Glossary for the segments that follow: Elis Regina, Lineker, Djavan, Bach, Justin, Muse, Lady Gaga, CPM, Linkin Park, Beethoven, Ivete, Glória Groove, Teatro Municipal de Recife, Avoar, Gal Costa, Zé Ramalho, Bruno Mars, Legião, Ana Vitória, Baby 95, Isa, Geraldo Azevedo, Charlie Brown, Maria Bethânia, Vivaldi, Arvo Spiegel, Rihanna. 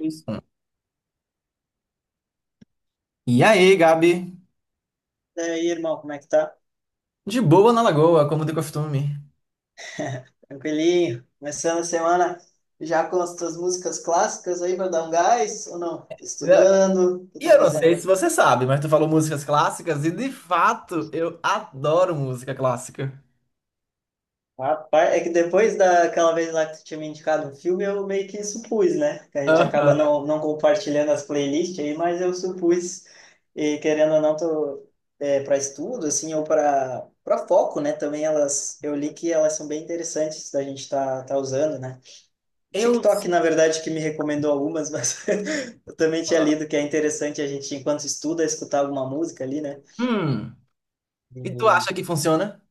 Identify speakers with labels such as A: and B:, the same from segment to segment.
A: Isso. E aí, Gabi?
B: E aí, irmão, como é que tá?
A: De boa na lagoa, como de costume.
B: Tranquilinho? Começando a semana já com as tuas músicas clássicas aí pra dar um gás ou não? Estudando? O que
A: E
B: tá
A: eu não sei
B: fazendo?
A: se você sabe, mas tu falou músicas clássicas e de fato eu adoro música clássica.
B: Rapaz, é que depois daquela vez lá que tu tinha me indicado um filme, eu meio que supus, né? Que a gente acaba
A: Aham.
B: não compartilhando as playlists aí, mas eu supus, e querendo ou não, tô, para estudo, assim, ou para foco, né? Também elas, eu li que elas são bem interessantes da gente tá usando, né?
A: Eu.
B: TikTok, na verdade, que me recomendou algumas, mas eu também tinha lido que é interessante a gente, enquanto estuda, escutar alguma música ali, né?
A: Hum.
B: E,
A: E tu acha que funciona?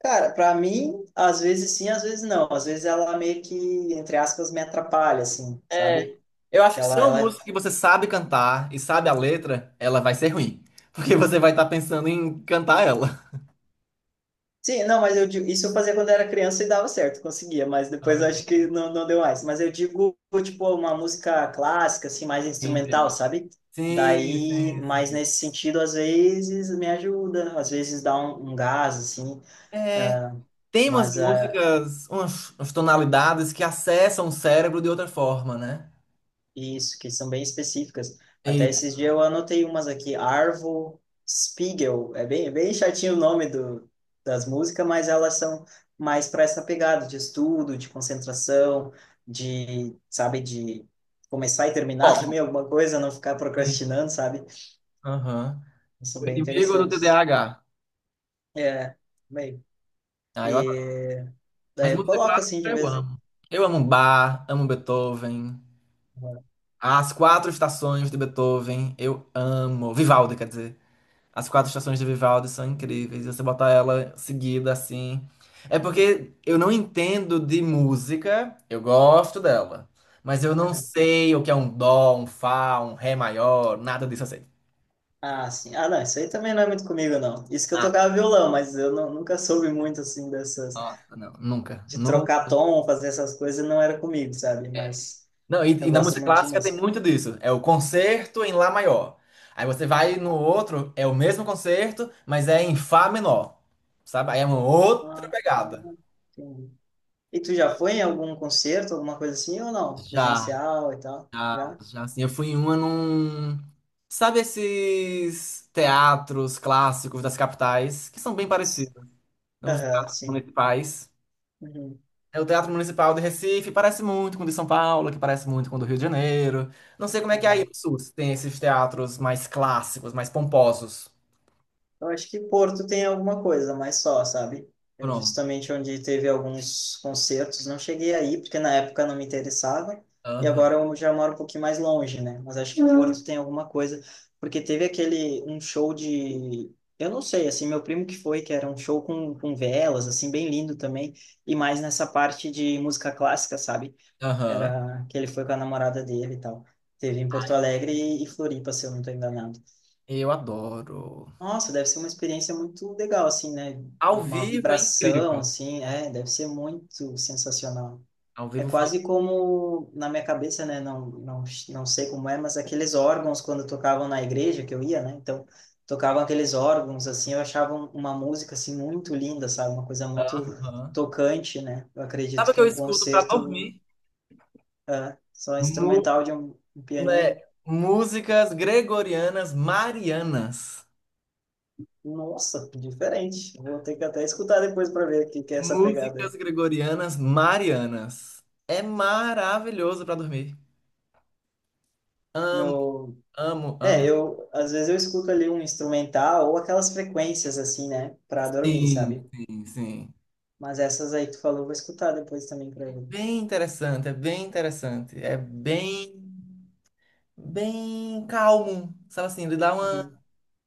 B: cara, para mim, às vezes sim, às vezes não. Às vezes ela meio que, entre aspas, me atrapalha, assim, sabe?
A: É, eu acho que se
B: Ela,
A: é uma
B: ela
A: música que você sabe cantar e sabe a letra, ela vai ser ruim. Porque você vai estar pensando em cantar ela.
B: Sim, não, mas eu digo, isso eu fazia quando era criança e dava certo, conseguia, mas depois eu acho
A: Ah,
B: que não deu mais. Mas eu digo, tipo, uma música clássica, assim, mais instrumental,
A: entendo.
B: sabe?
A: Sim,
B: Daí, mas
A: sim.
B: nesse sentido, às vezes me ajuda, às vezes dá um gás, assim,
A: É,
B: ah,
A: tem umas
B: mas ah,
A: músicas, umas tonalidades que acessam o cérebro de outra forma, né?
B: isso, que são bem específicas. Até
A: Isso.
B: esses dias eu anotei umas aqui. Arvo Spiegel. É bem chatinho o nome do, das músicas, mas elas são mais para essa pegada de estudo, de concentração, de, sabe, de começar e terminar
A: Foco.
B: também alguma coisa, não ficar
A: Sim.
B: procrastinando, sabe?
A: Aham.
B: São
A: O
B: bem
A: inimigo do
B: interessantes.
A: TDAH.
B: É, bem.
A: Ah, eu adoro.
B: E
A: Mas
B: daí eu
A: música
B: coloco
A: clássica
B: assim de
A: eu
B: vez.
A: amo. Eu amo Bach, amo Beethoven. As quatro estações de Beethoven, eu amo. Vivaldi, quer dizer. As quatro estações de Vivaldi são incríveis. Você botar ela seguida assim. É porque eu não entendo de música, eu gosto dela. Mas eu não sei o que é um dó, um fá, um ré maior, nada disso eu sei.
B: Ah, sim. Ah, não, isso aí também não é muito comigo, não. Isso que eu
A: Ah,
B: tocava violão, mas eu nunca soube muito, assim, dessas
A: nossa, não, nunca,
B: de
A: nunca.
B: trocar tom, fazer essas coisas, não era comigo, sabe? Mas
A: Não, e,
B: eu
A: e na
B: gosto
A: música
B: muito de
A: clássica tem
B: música.
A: muito disso. É o concerto em Lá maior. Aí você vai no outro, é o mesmo concerto, mas é em Fá menor. Sabe? Aí é uma outra
B: Ah, ah,
A: pegada.
B: Entendi. E tu já foi em algum concerto, alguma coisa assim, ou não?
A: Já.
B: Presencial e tal?
A: Já,
B: Já?
A: já assim, eu fui em uma num. Sabe esses teatros clássicos das capitais, que são bem parecidos, né? Os
B: Aham,
A: teatros
B: sim.
A: municipais?
B: Uhum,
A: É o Teatro Municipal de Recife, parece muito com o de São Paulo, que parece muito com o do Rio de Janeiro. Não sei como é que é aí
B: aham.
A: no Sul, se tem esses teatros mais clássicos, mais pomposos.
B: Eu acho que Porto tem alguma coisa, mas só, sabe? É
A: Pronto.
B: justamente onde teve alguns concertos. Não cheguei aí, porque na época não me interessava. E
A: Aham,
B: agora eu já moro um pouquinho mais longe, né? Mas acho que Porto tem alguma coisa. Porque teve aquele, um show de… Eu não sei, assim, meu primo que foi, que era um show com velas, assim, bem lindo também. E mais nessa parte de música clássica, sabe?
A: aham.
B: Era que ele foi com a namorada dele e tal. Teve em Porto Alegre e Floripa, se eu não estou enganado.
A: Eu adoro.
B: Nossa, deve ser uma experiência muito legal, assim, né?
A: Ao
B: Uma
A: vivo é
B: vibração,
A: incrível.
B: assim, é, deve ser muito sensacional.
A: Ao
B: É
A: vivo foi.
B: quase como, na minha cabeça, né? Não, não sei como é, mas aqueles órgãos quando tocavam na igreja que eu ia, né? Então, tocavam aqueles órgãos, assim, eu achava uma música, assim, muito linda, sabe? Uma coisa muito
A: Aham.
B: tocante, né? Eu
A: Sabe
B: acredito
A: o que
B: que
A: eu
B: um
A: escuto pra
B: concerto
A: dormir?
B: só instrumental de um
A: Né?
B: pianinho,
A: Músicas gregorianas marianas.
B: nossa, diferente. Vou ter que até escutar depois para ver o que que é essa pegada aí.
A: Músicas gregorianas marianas. É maravilhoso para dormir.
B: Meu,
A: Amo,
B: é,
A: amo.
B: eu às vezes eu escuto ali um instrumental ou aquelas frequências assim, né, para dormir,
A: Sim,
B: sabe?
A: sim, sim.
B: Mas essas aí que tu falou, eu vou escutar depois também para ver.
A: Bem interessante, é bem interessante. É bem, bem calmo. Sabe assim, ele dá
B: Uhum.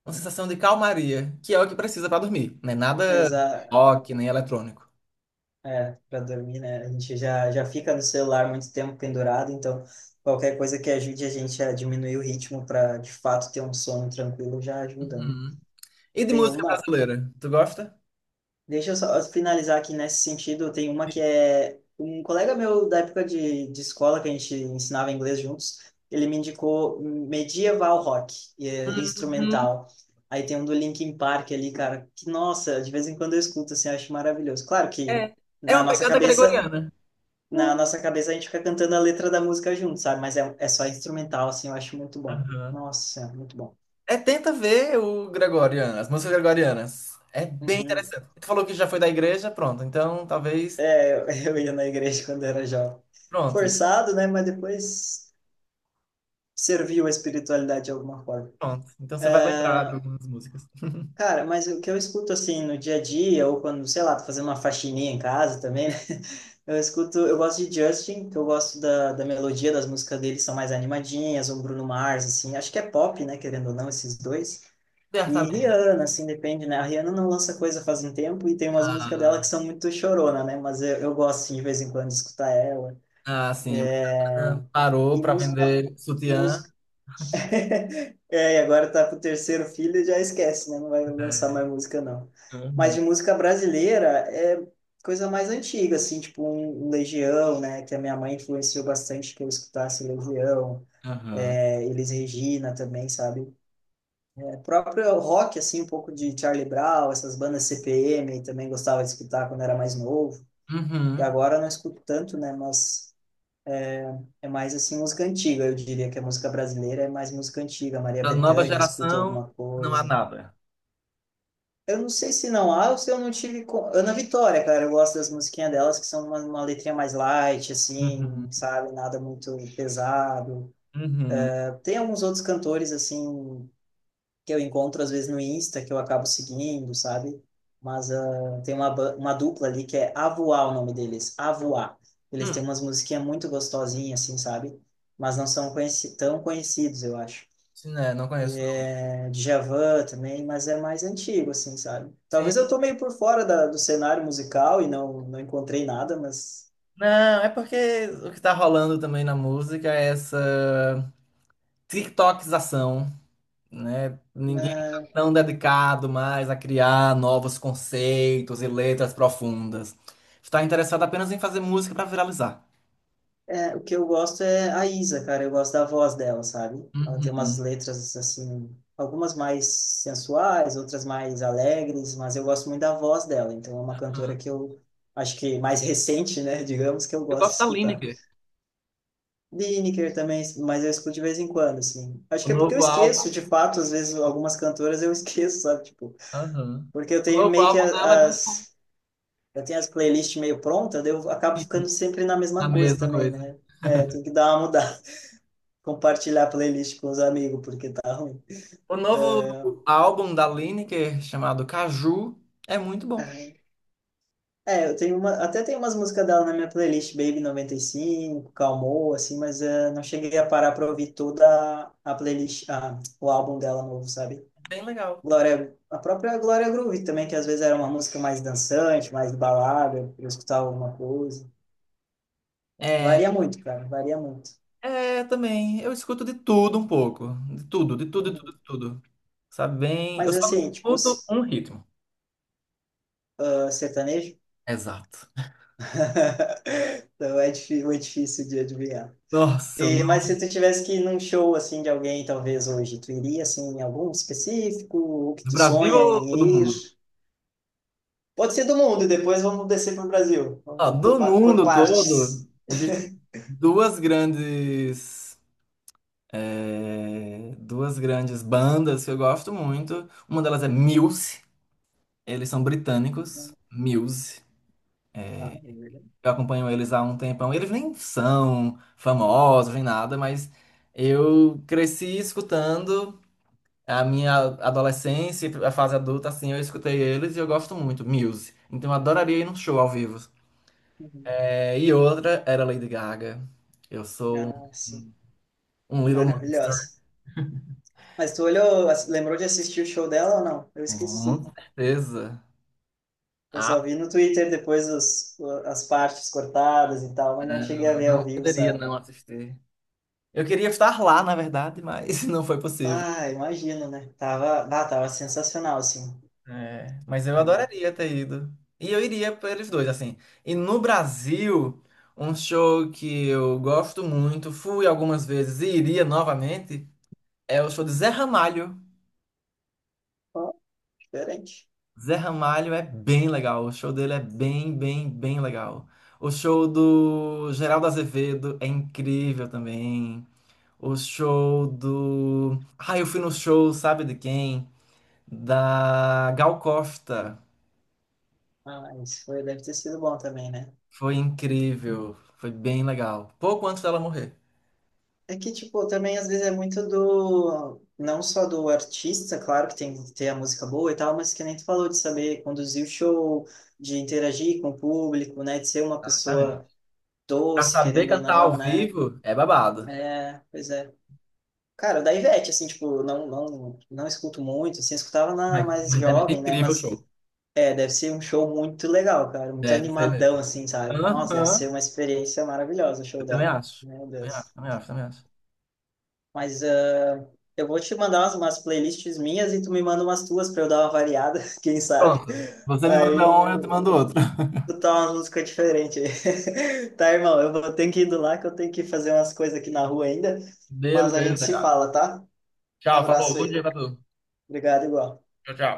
A: uma sensação de calmaria, que é o que precisa para dormir. Não é nada
B: Exa
A: rock, nem eletrônico.
B: é, para dormir, né? A gente já fica no celular muito tempo pendurado, então qualquer coisa que ajude a gente a diminuir o ritmo para de fato ter um sono tranquilo já ajuda, né?
A: Uhum. E de
B: Tem
A: música
B: uma.
A: brasileira? Tu gosta?
B: Deixa eu só finalizar aqui nesse sentido. Tem uma que é um colega meu da época de escola, que a gente ensinava inglês juntos, ele me indicou Medieval Rock, e é
A: Uhum.
B: instrumental. Aí tem um do Linkin Park ali, cara, que nossa, de vez em quando eu escuto, assim, acho maravilhoso. Claro que
A: É. É
B: na
A: uma
B: nossa
A: pegada
B: cabeça,
A: gregoriana.
B: na nossa cabeça a gente fica cantando a letra da música junto, sabe? Mas é só instrumental, assim, eu acho muito bom.
A: Aham.
B: Nossa, muito bom.
A: É, tenta ver o Gregoriano, as músicas gregorianas. É bem
B: Uhum.
A: interessante. Tu falou que já foi da igreja, pronto. Então, talvez.
B: Eu eu ia na igreja quando era jovem.
A: Pronto, então,
B: Forçado, né? Mas depois serviu a espiritualidade de alguma forma.
A: pronto. Então você vai lembrar de algumas músicas.
B: Cara, mas o que eu escuto assim no dia a dia, ou quando, sei lá, tô fazendo uma faxininha em casa também, né? Eu escuto, eu gosto de Justin, que eu gosto da, da melodia das músicas dele, são mais animadinhas, ou Bruno Mars, assim, acho que é pop, né, querendo ou não, esses dois. E
A: Certamente.
B: Rihanna, assim, depende, né? A Rihanna não lança coisa faz um tempo e tem umas músicas dela
A: Ah,
B: que são muito chorona, né? Mas eu gosto, assim, de vez em quando, de escutar ela.
A: ah, sim. Rihanna parou
B: E
A: para
B: música,
A: vender sutiã.
B: música é, e agora tá pro terceiro filho e já esquece, né? Não vai lançar
A: É.
B: mais música, não. Mas
A: Aham.
B: de música brasileira é coisa mais antiga, assim, tipo um Legião, né? Que a minha mãe influenciou bastante que eu escutasse Legião,
A: Aham.
B: é, Elis Regina também, sabe? É, próprio rock, assim, um pouco de Charlie Brown, essas bandas CPM, também gostava de escutar quando era mais novo. E
A: Uhum.
B: agora eu não escuto tanto, né? Mas é mais, assim, música antiga, eu diria que a música brasileira é mais música antiga. Maria
A: Da nova
B: Bethânia, escuta
A: geração,
B: alguma
A: não há
B: coisa.
A: nada.
B: Eu não sei se não há ou se eu não tive. Ana Vitória, cara, eu gosto das musiquinhas delas, que são uma letrinha mais light,
A: Uhum.
B: assim, sabe? Nada muito pesado.
A: Uhum.
B: Tem alguns outros cantores, assim, que eu encontro às vezes no Insta, que eu acabo seguindo, sabe? Tem uma, uma dupla ali que é Avoar, o nome deles, Avoar. Eles
A: Hum.
B: têm umas musiquinhas muito gostosinhas, assim, sabe? Mas não são conheci tão conhecidos, eu acho.
A: Sim, né? Não conheço, não.
B: É, Djavan também, mas é mais antigo, assim, sabe?
A: Sim.
B: Talvez eu tô meio por fora da, do cenário musical e não encontrei nada, mas
A: Não, é porque o que tá rolando também na música é essa. TikTokização, né? Ninguém tá
B: é,
A: tão dedicado mais a criar novos conceitos e letras profundas. Está interessado apenas em fazer música para viralizar.
B: o que eu gosto é a Isa, cara, eu gosto da voz dela, sabe? Ela tem umas
A: Uhum.
B: letras, assim, algumas mais sensuais, outras mais alegres, mas eu gosto muito da voz dela, então é uma cantora
A: Aham.
B: que eu acho que mais recente, né, digamos, que eu
A: Eu
B: gosto de
A: gosto da
B: escutar.
A: Lineker.
B: Lineker também, mas eu escuto de vez em quando, assim. Acho
A: O
B: que é porque eu
A: novo álbum.
B: esqueço, de fato, às vezes algumas cantoras eu esqueço, sabe? Tipo,
A: Aham.
B: porque eu
A: O
B: tenho
A: novo
B: meio que
A: álbum dela é muito bom.
B: eu tenho as playlists meio prontas, daí eu acabo ficando sempre na
A: A
B: mesma coisa
A: mesma
B: também,
A: coisa.
B: né? É, tem que dar uma mudada, compartilhar a playlist com os amigos, porque tá ruim.
A: O novo álbum da Lineker, chamado Caju, é muito bom.
B: Aham. É, eu tenho uma, até tem umas músicas dela na minha playlist, Baby 95, Calmou, assim, mas não cheguei a parar pra ouvir toda a playlist, ah, o álbum dela novo, sabe?
A: É bem legal.
B: Glória, a própria Glória Groove também, que às vezes era uma música mais dançante, mais balada, pra eu escutar alguma coisa.
A: É,
B: Varia muito, cara, varia muito.
A: é também. Eu escuto de tudo um pouco. De tudo, de tudo, de tudo, de tudo. Sabe bem? Eu
B: Mas
A: só não
B: assim, tipo,
A: escuto um ritmo.
B: sertanejo?
A: Exato.
B: Então é difícil de adivinhar.
A: Nossa, eu
B: E, mas
A: não.
B: se tu tivesse que ir num show assim de alguém, talvez hoje, tu iria assim em algum específico, o que
A: Do
B: tu
A: Brasil
B: sonha
A: ou do
B: em ir?
A: mundo?
B: Pode ser do mundo, depois vamos descer para o Brasil.
A: Ah,
B: Vamos
A: do
B: por
A: mundo todo,
B: partes.
A: existem duas grandes. É, duas grandes bandas que eu gosto muito. Uma delas é Muse. Eles são britânicos. Muse.
B: Ah, beleza.
A: Eu acompanho eles há um tempão. Eles nem são famosos, nem nada, mas eu cresci escutando. A minha adolescência, e a fase adulta, assim, eu escutei eles e eu gosto muito, Muse. Então eu adoraria ir num show ao vivo.
B: Uhum.
A: É, e outra era Lady Gaga. Eu sou
B: Ah, sim.
A: um, um Little Monster.
B: Maravilhosa. Mas tu olhou, lembrou de assistir o show dela ou não? Eu esqueci.
A: Com certeza.
B: Eu
A: Ah,
B: só vi no Twitter depois os, as partes cortadas e tal, mas não cheguei
A: não,
B: a
A: eu
B: ver ao
A: não
B: vivo,
A: poderia
B: sabe?
A: não assistir. Eu queria estar lá, na verdade, mas não foi possível.
B: Ah, imagino, né? Tava, bah, tava sensacional, assim.
A: É, mas eu
B: Hum.
A: adoraria ter ido. E eu iria para eles dois, assim. E no Brasil, um show que eu gosto muito, fui algumas vezes e iria novamente. É o show de Zé Ramalho.
B: Ó, diferente.
A: Zé Ramalho é bem legal. O show dele é bem, bem, bem legal. O show do Geraldo Azevedo é incrível também. O show do. Ah, eu fui no show, sabe de quem? Da Gal Costa.
B: Ah, isso foi, deve ter sido bom também, né?
A: Foi incrível. Foi bem legal. Pouco antes dela morrer.
B: É que, tipo, também às vezes é muito do… Não só do artista, claro que tem que ter a música boa e tal, mas que nem tu falou de saber conduzir o show, de interagir com o público, né? De ser uma
A: Exatamente.
B: pessoa
A: Pra
B: doce,
A: saber
B: querendo ou
A: cantar ao
B: não, né?
A: vivo é babado.
B: É, pois é. Cara, da Ivete, assim, tipo, não escuto muito, assim, escutava na mais
A: Mas deve ser
B: jovem, né?
A: incrível o
B: Mas
A: show.
B: é, deve ser um show muito legal, cara, muito
A: Deve ser
B: animadão,
A: mesmo.
B: assim, sabe? Nossa, deve ser
A: Aham.
B: uma experiência maravilhosa o show
A: Eu também
B: dela.
A: acho.
B: Meu
A: Também acho,
B: Deus.
A: também acho, também acho.
B: Mas ah, eu vou te mandar umas, umas playlists minhas e tu me manda umas tuas pra eu dar uma variada, quem sabe?
A: Pronto. Você me manda
B: Aí
A: um, eu te mando outro.
B: eu tá umas músicas diferentes aí. Tá, irmão, eu vou ter que ir do lá que eu tenho que fazer umas coisas aqui na rua ainda, mas a gente
A: Beleza,
B: se
A: cara.
B: fala, tá? Um
A: Tchau, falou.
B: abraço
A: Bom dia
B: aí.
A: pra tu.
B: Obrigado, igual.
A: Tchau, tchau.